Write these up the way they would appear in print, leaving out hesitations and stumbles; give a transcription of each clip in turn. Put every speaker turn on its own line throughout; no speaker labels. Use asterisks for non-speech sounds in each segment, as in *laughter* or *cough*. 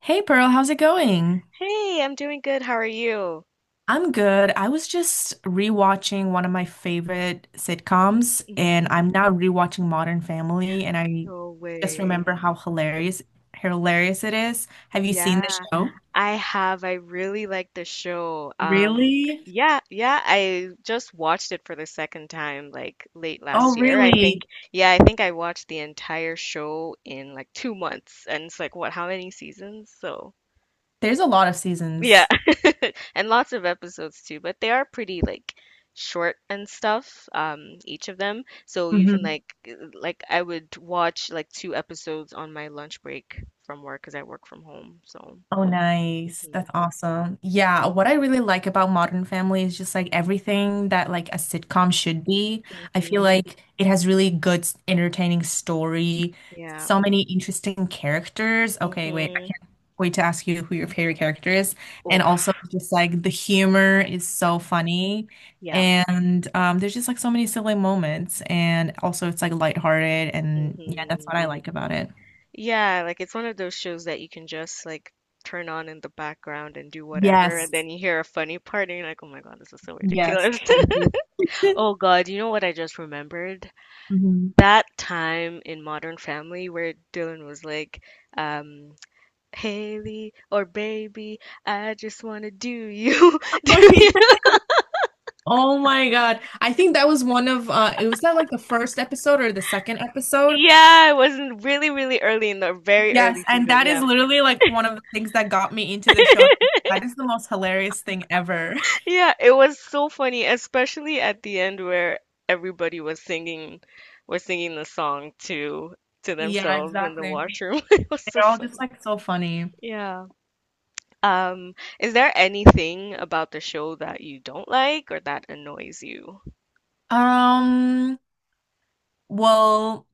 Hey Pearl, how's it going?
Hey, I'm doing good. How are you?
I'm good. I was just rewatching one of my favorite sitcoms, and
Hmm.
I'm now rewatching Modern Family, and I
No
just
way.
remember how hilarious it is. Have you seen the
Yeah,
show?
I have. I really like the show.
Really?
Yeah, yeah, I just watched it for the second time like late
Oh,
last year.
really?
Yeah, I think I watched the entire show in like 2 months. And it's like, what, how many seasons? So,
There's a lot of
yeah.
seasons.
And lots of episodes too, but they are pretty like short and stuff, each of them. So you can
Mm-hmm.
like I would watch like two episodes on my lunch break from work because I work from home. So
Oh, nice.
mhm.
That's awesome. Yeah, what I really like about Modern Family is just like everything that like a sitcom should be. I feel
Mhm.
like it has really good, s- entertaining story,
Yeah.
so many interesting characters. Okay, wait, I
Mhm.
can't wait to ask you who your favorite character is. And also
Oof.
just like the humor is so funny.
Yeah.
And there's just like so many silly moments. And also it's like lighthearted. And yeah, that's
Mhm.
what I like about it.
Yeah, like it's one of those shows that you can just like turn on in the background and do whatever, and
Yes.
then you hear a funny part and you're like, "Oh my God, this is so
Yes,
ridiculous."
totally.
*laughs*
*laughs*
Oh God, you know what I just remembered?
Mhm.
That time in Modern Family where Dylan was like, um, Haley or baby, I just wanna do you. *laughs* Do you.
*laughs* Oh my God. I think that was one of it was that like the first episode or the second episode.
Yeah, it was really, really early in the very
Yes,
early
and
season.
that
Yeah.
is literally like one of the things that got me into the show. That is the most hilarious thing ever. *laughs*
Yeah, it was so funny, especially at the end where everybody was singing the song to
Yeah,
themselves in the
exactly.
washroom. *laughs* It was so
They're all just
funny.
like so funny.
Yeah. Um, is there anything about the show that you don't like or that annoys you?
Um, well,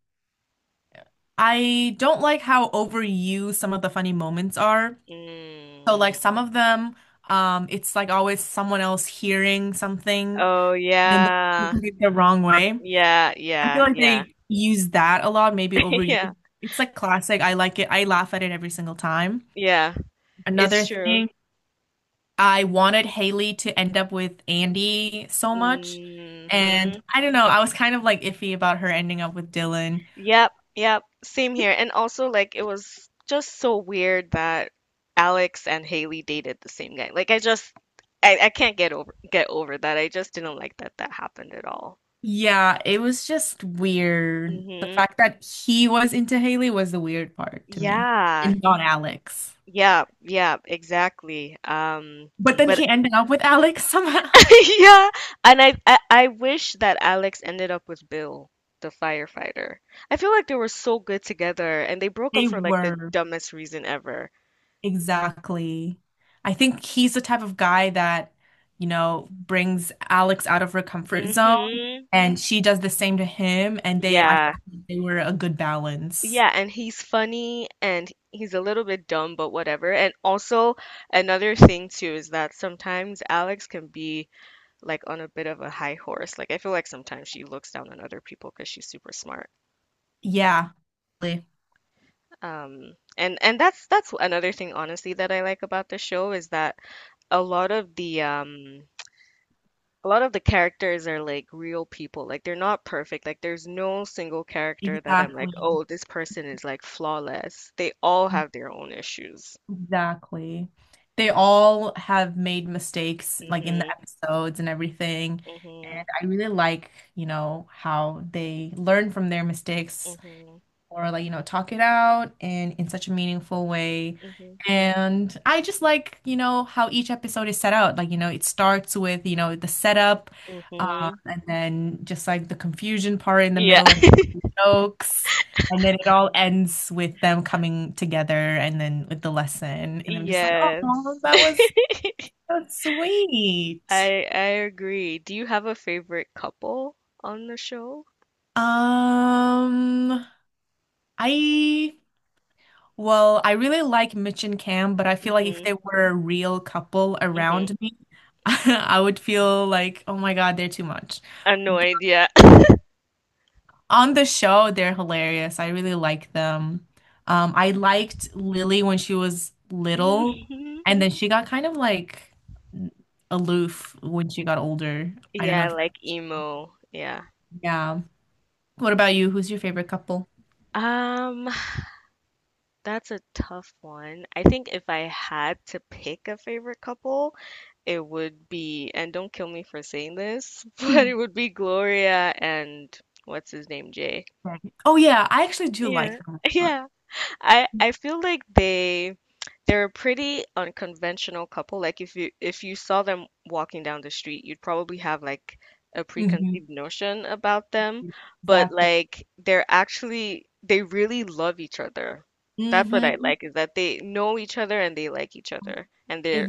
I don't like how overused some of the funny moments are. So
Mm.
like some of them, it's like always someone else hearing something,
Oh
then they *laughs*
yeah.
do it the wrong way.
Yeah,
I
yeah,
feel like
yeah.
they use that a lot, maybe
*laughs*
overuse.
Yeah.
It's like classic. I like it. I laugh at it every single time.
Yeah, it's
Another
true.
thing, I wanted Haley to end up with Andy so much. And
Hmm.
I don't know, I was kind of like iffy about her ending up with Dylan.
Yep, yep. Same here. And also like it was just so weird that Alex and Haley dated the same guy. Like I just I can't get over that. I just didn't like that that happened at all.
Yeah, it was just weird. The
Hmm.
fact that he was into Haley was the weird part to me,
Yeah.
and not Alex.
Yeah, yeah, exactly. Um,
But then
but
he ended up with Alex somehow. *laughs*
*laughs* yeah, and I wish that Alex ended up with Bill, the firefighter. I feel like they were so good together and they broke up
They
for like the
were.
dumbest reason ever.
Exactly. I think he's the type of guy that, you know, brings Alex out of her comfort zone,
Mm-hmm.
and she does the same to him, and they, I
Yeah.
felt like they were a good balance.
Yeah, and he's funny and he's a little bit dumb, but whatever. And also another thing too is that sometimes Alex can be like on a bit of a high horse. Like I feel like sometimes she looks down on other people because she's super smart.
Yeah,
And that's another thing honestly that I like about the show is that a lot of the a lot of the characters are like real people. Like they're not perfect. Like there's no single character that I'm like,
exactly.
oh, this person is like flawless. They all have their own issues.
Exactly. They all have made mistakes, like in the
Mhm.
episodes and everything.
Mhm.
And I really like, you know, how they learn from their mistakes
Mhm.
or like, you know, talk it out and in such a meaningful way.
Mhm.
And I just like, you know, how each episode is set out. Like, you know, it starts with, you know, the setup,
Mhm.
and then just like the confusion part in the
Yeah.
middle and
*laughs*
jokes. And then it all ends with them coming together and then with the lesson. And I'm just like, oh,
Yes. *laughs*
that's sweet.
I agree. Do you have a favorite couple on the show?
Um, I Well, I really like Mitch and Cam, but I feel like if
Mhm.
they were a real couple
Mhm.
around me, *laughs* I would feel like, oh my God, they're too much.
I have no
But
idea. *laughs*
on the show, they're hilarious. I really like them. I liked Lily when she was little,
Mhm.
and then she got kind of like aloof when she got older. I don't know
Yeah,
if,
like emo. Yeah.
yeah. What about you? Who's your favorite couple?
Um That's a tough one. I think if I had to pick a favorite couple, it would be, and don't kill me for saying this, *laughs* but it would be Gloria and what's his name, Jay.
Right. Oh yeah, I actually do
Yeah.
like them
*laughs*
a lot.
Yeah. I feel like they're a pretty unconventional couple. Like if you saw them walking down the street, you'd probably have like a
Mhm.
preconceived notion about them, but
Exactly.
like they're actually they really love each other. That's what I
Hmm.
like is that they know each other and they like each other and they're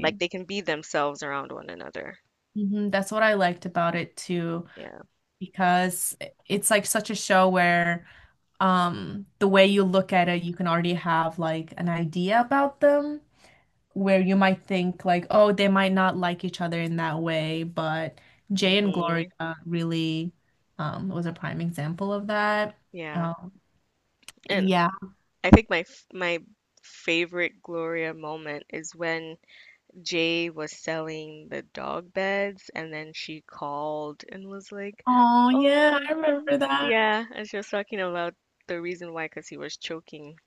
like they can be themselves around one another.
Hmm. That's what I liked about it too,
Yeah.
because it's like such a show where the way you look at it, you can already have like an idea about them, where you might think like, oh, they might not like each other in that way, but Jay and
Hmm.
Gloria really was a prime example of that.
Yeah.
Um,
And
yeah.
I think my favorite Gloria moment is when Jay was selling the dog beds, and then she called and was like,
Oh, yeah,
"Oh,
I
it's
remember
something, something."
that.
Yeah, and she was talking about the reason why, because he was choking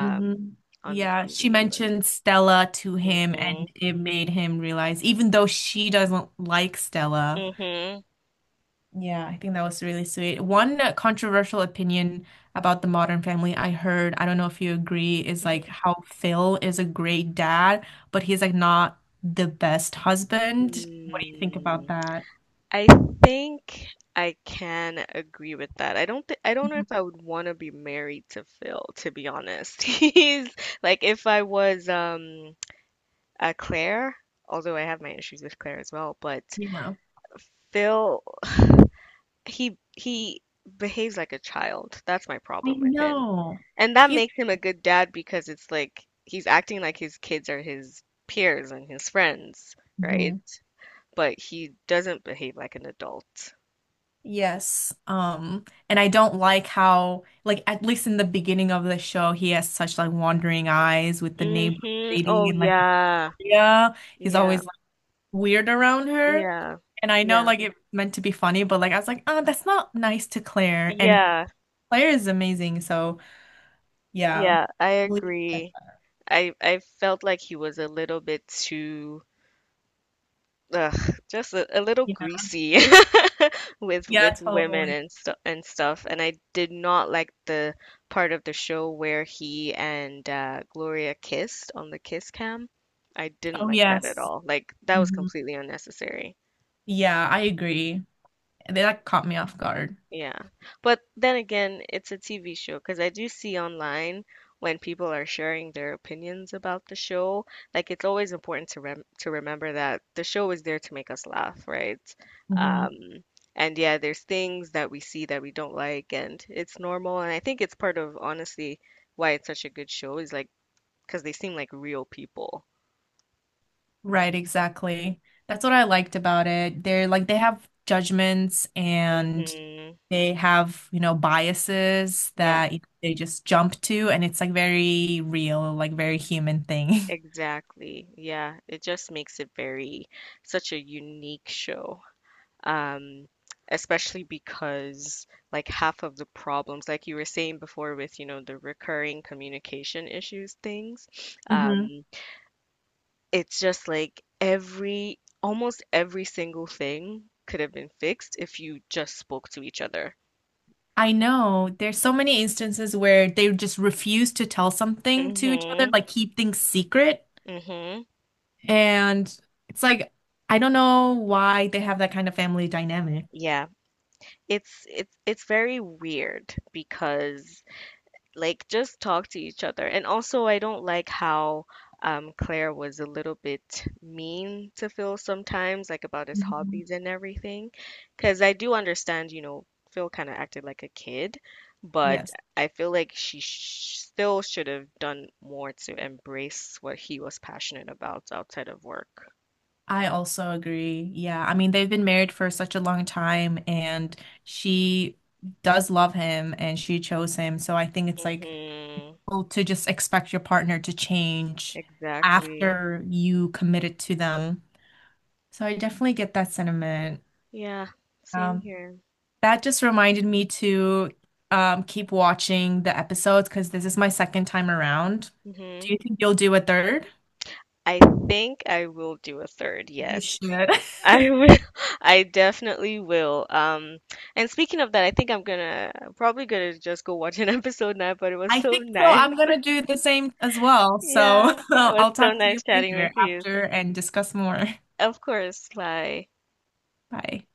Hmm.
on the
Yeah, she
TV. But
mentioned Stella to him, and
mhm,
it made him realize, even though she doesn't like Stella.
mhm,
Yeah, I think that was really sweet. One controversial opinion about the Modern Family I heard, I don't know if you agree, is like
mhm.
how Phil is a great dad, but he's like not the best husband. What do you think about
Mm,
that?
I think I can agree with that. I don't know
Mhm.
if I would want to be married to Phil, to be honest. *laughs* He's like if I was a Claire, although I have my issues with Claire as well, but
Yeah,
Phil, he behaves like a child. That's my
I
problem with him.
know.
And that
He's
makes him a good dad because it's like he's acting like his kids are his peers and his friends, right?
Mhm.
But he doesn't behave like an adult.
Yes. And I don't like how, like, at least in the beginning of the show, he has such like wandering eyes with the neighbor
Mm-hmm.
lady
Oh
and like
yeah.
yeah, he's
Yeah.
always like weird around her.
Yeah.
And I know
Yeah.
like it's meant to be funny, but like I was like, oh, that's not nice to Claire. And
Yeah.
Claire is amazing, so yeah.
Yeah. I
Believe it.
agree. I felt like he was a little bit too ugh, just a little
Yeah.
greasy *laughs* with
Yeah,
with women
totally.
and stuff. And I did not like the part of the show where he and Gloria kissed on the kiss cam. I didn't
Oh
like that at
yes.
all. Like that was
Hmm.
completely unnecessary.
Yeah, I agree. That caught me off guard.
Yeah. But then again, it's a TV show because I do see online when people are sharing their opinions about the show, like it's always important to remember that the show is there to make us laugh, right?
Mhm.
Um, and yeah, there's things that we see that we don't like, and it's normal. And I think it's part of honestly why it's such a good show is like because they seem like real people.
Right, exactly. That's what I liked about it. They're like they have judgments and
Hmm.
they have, you know, biases
Yeah,
that they just jump to and it's like very real, like very human thing.
exactly. Yeah, it just makes it very such a unique show. um, Especially because like half of the problems, like you were saying before with, you know, the recurring communication issues things,
*laughs* Hmm.
um, it's just like every, almost every single thing could have been fixed if you just spoke to each other.
I know there's so many instances where they just refuse to tell something to each other,
Mm-hmm.
like keep things secret.
Mm-hmm.
And it's like I don't know why they have that kind of family dynamic.
Yeah. It's very weird because like just talk to each other. And also, I don't like how Claire was a little bit mean to Phil sometimes, like about his
Mhm.
hobbies and everything. Because I do understand, you know, Phil kind of acted like a kid, but
Yes.
I feel like she sh still should have done more to embrace what he was passionate about outside of work.
I also agree. Yeah. I mean, they've been married for such a long time and she does love him and she chose him. So I think it's like
Hmm.
well, to just expect your partner to change
Exactly.
after you committed to them. So I definitely get that sentiment.
Yeah, same
Um,
here.
that just reminded me to keep watching the episodes because this is my second time around.
Hmm.
Do you think you'll do a third?
I think I will do a third,
You
yes.
should.
I
*laughs*
will, *laughs* I definitely will. And speaking of that, I think I'm gonna probably gonna just go watch an *laughs* episode now, but it was
I
so
think so.
nice.
I'm
*laughs*
gonna do the same as well. So
Yeah,
*laughs*
it was
I'll
so
talk to you
nice chatting
later
with you.
after and discuss more.
Of course, bye.
Bye.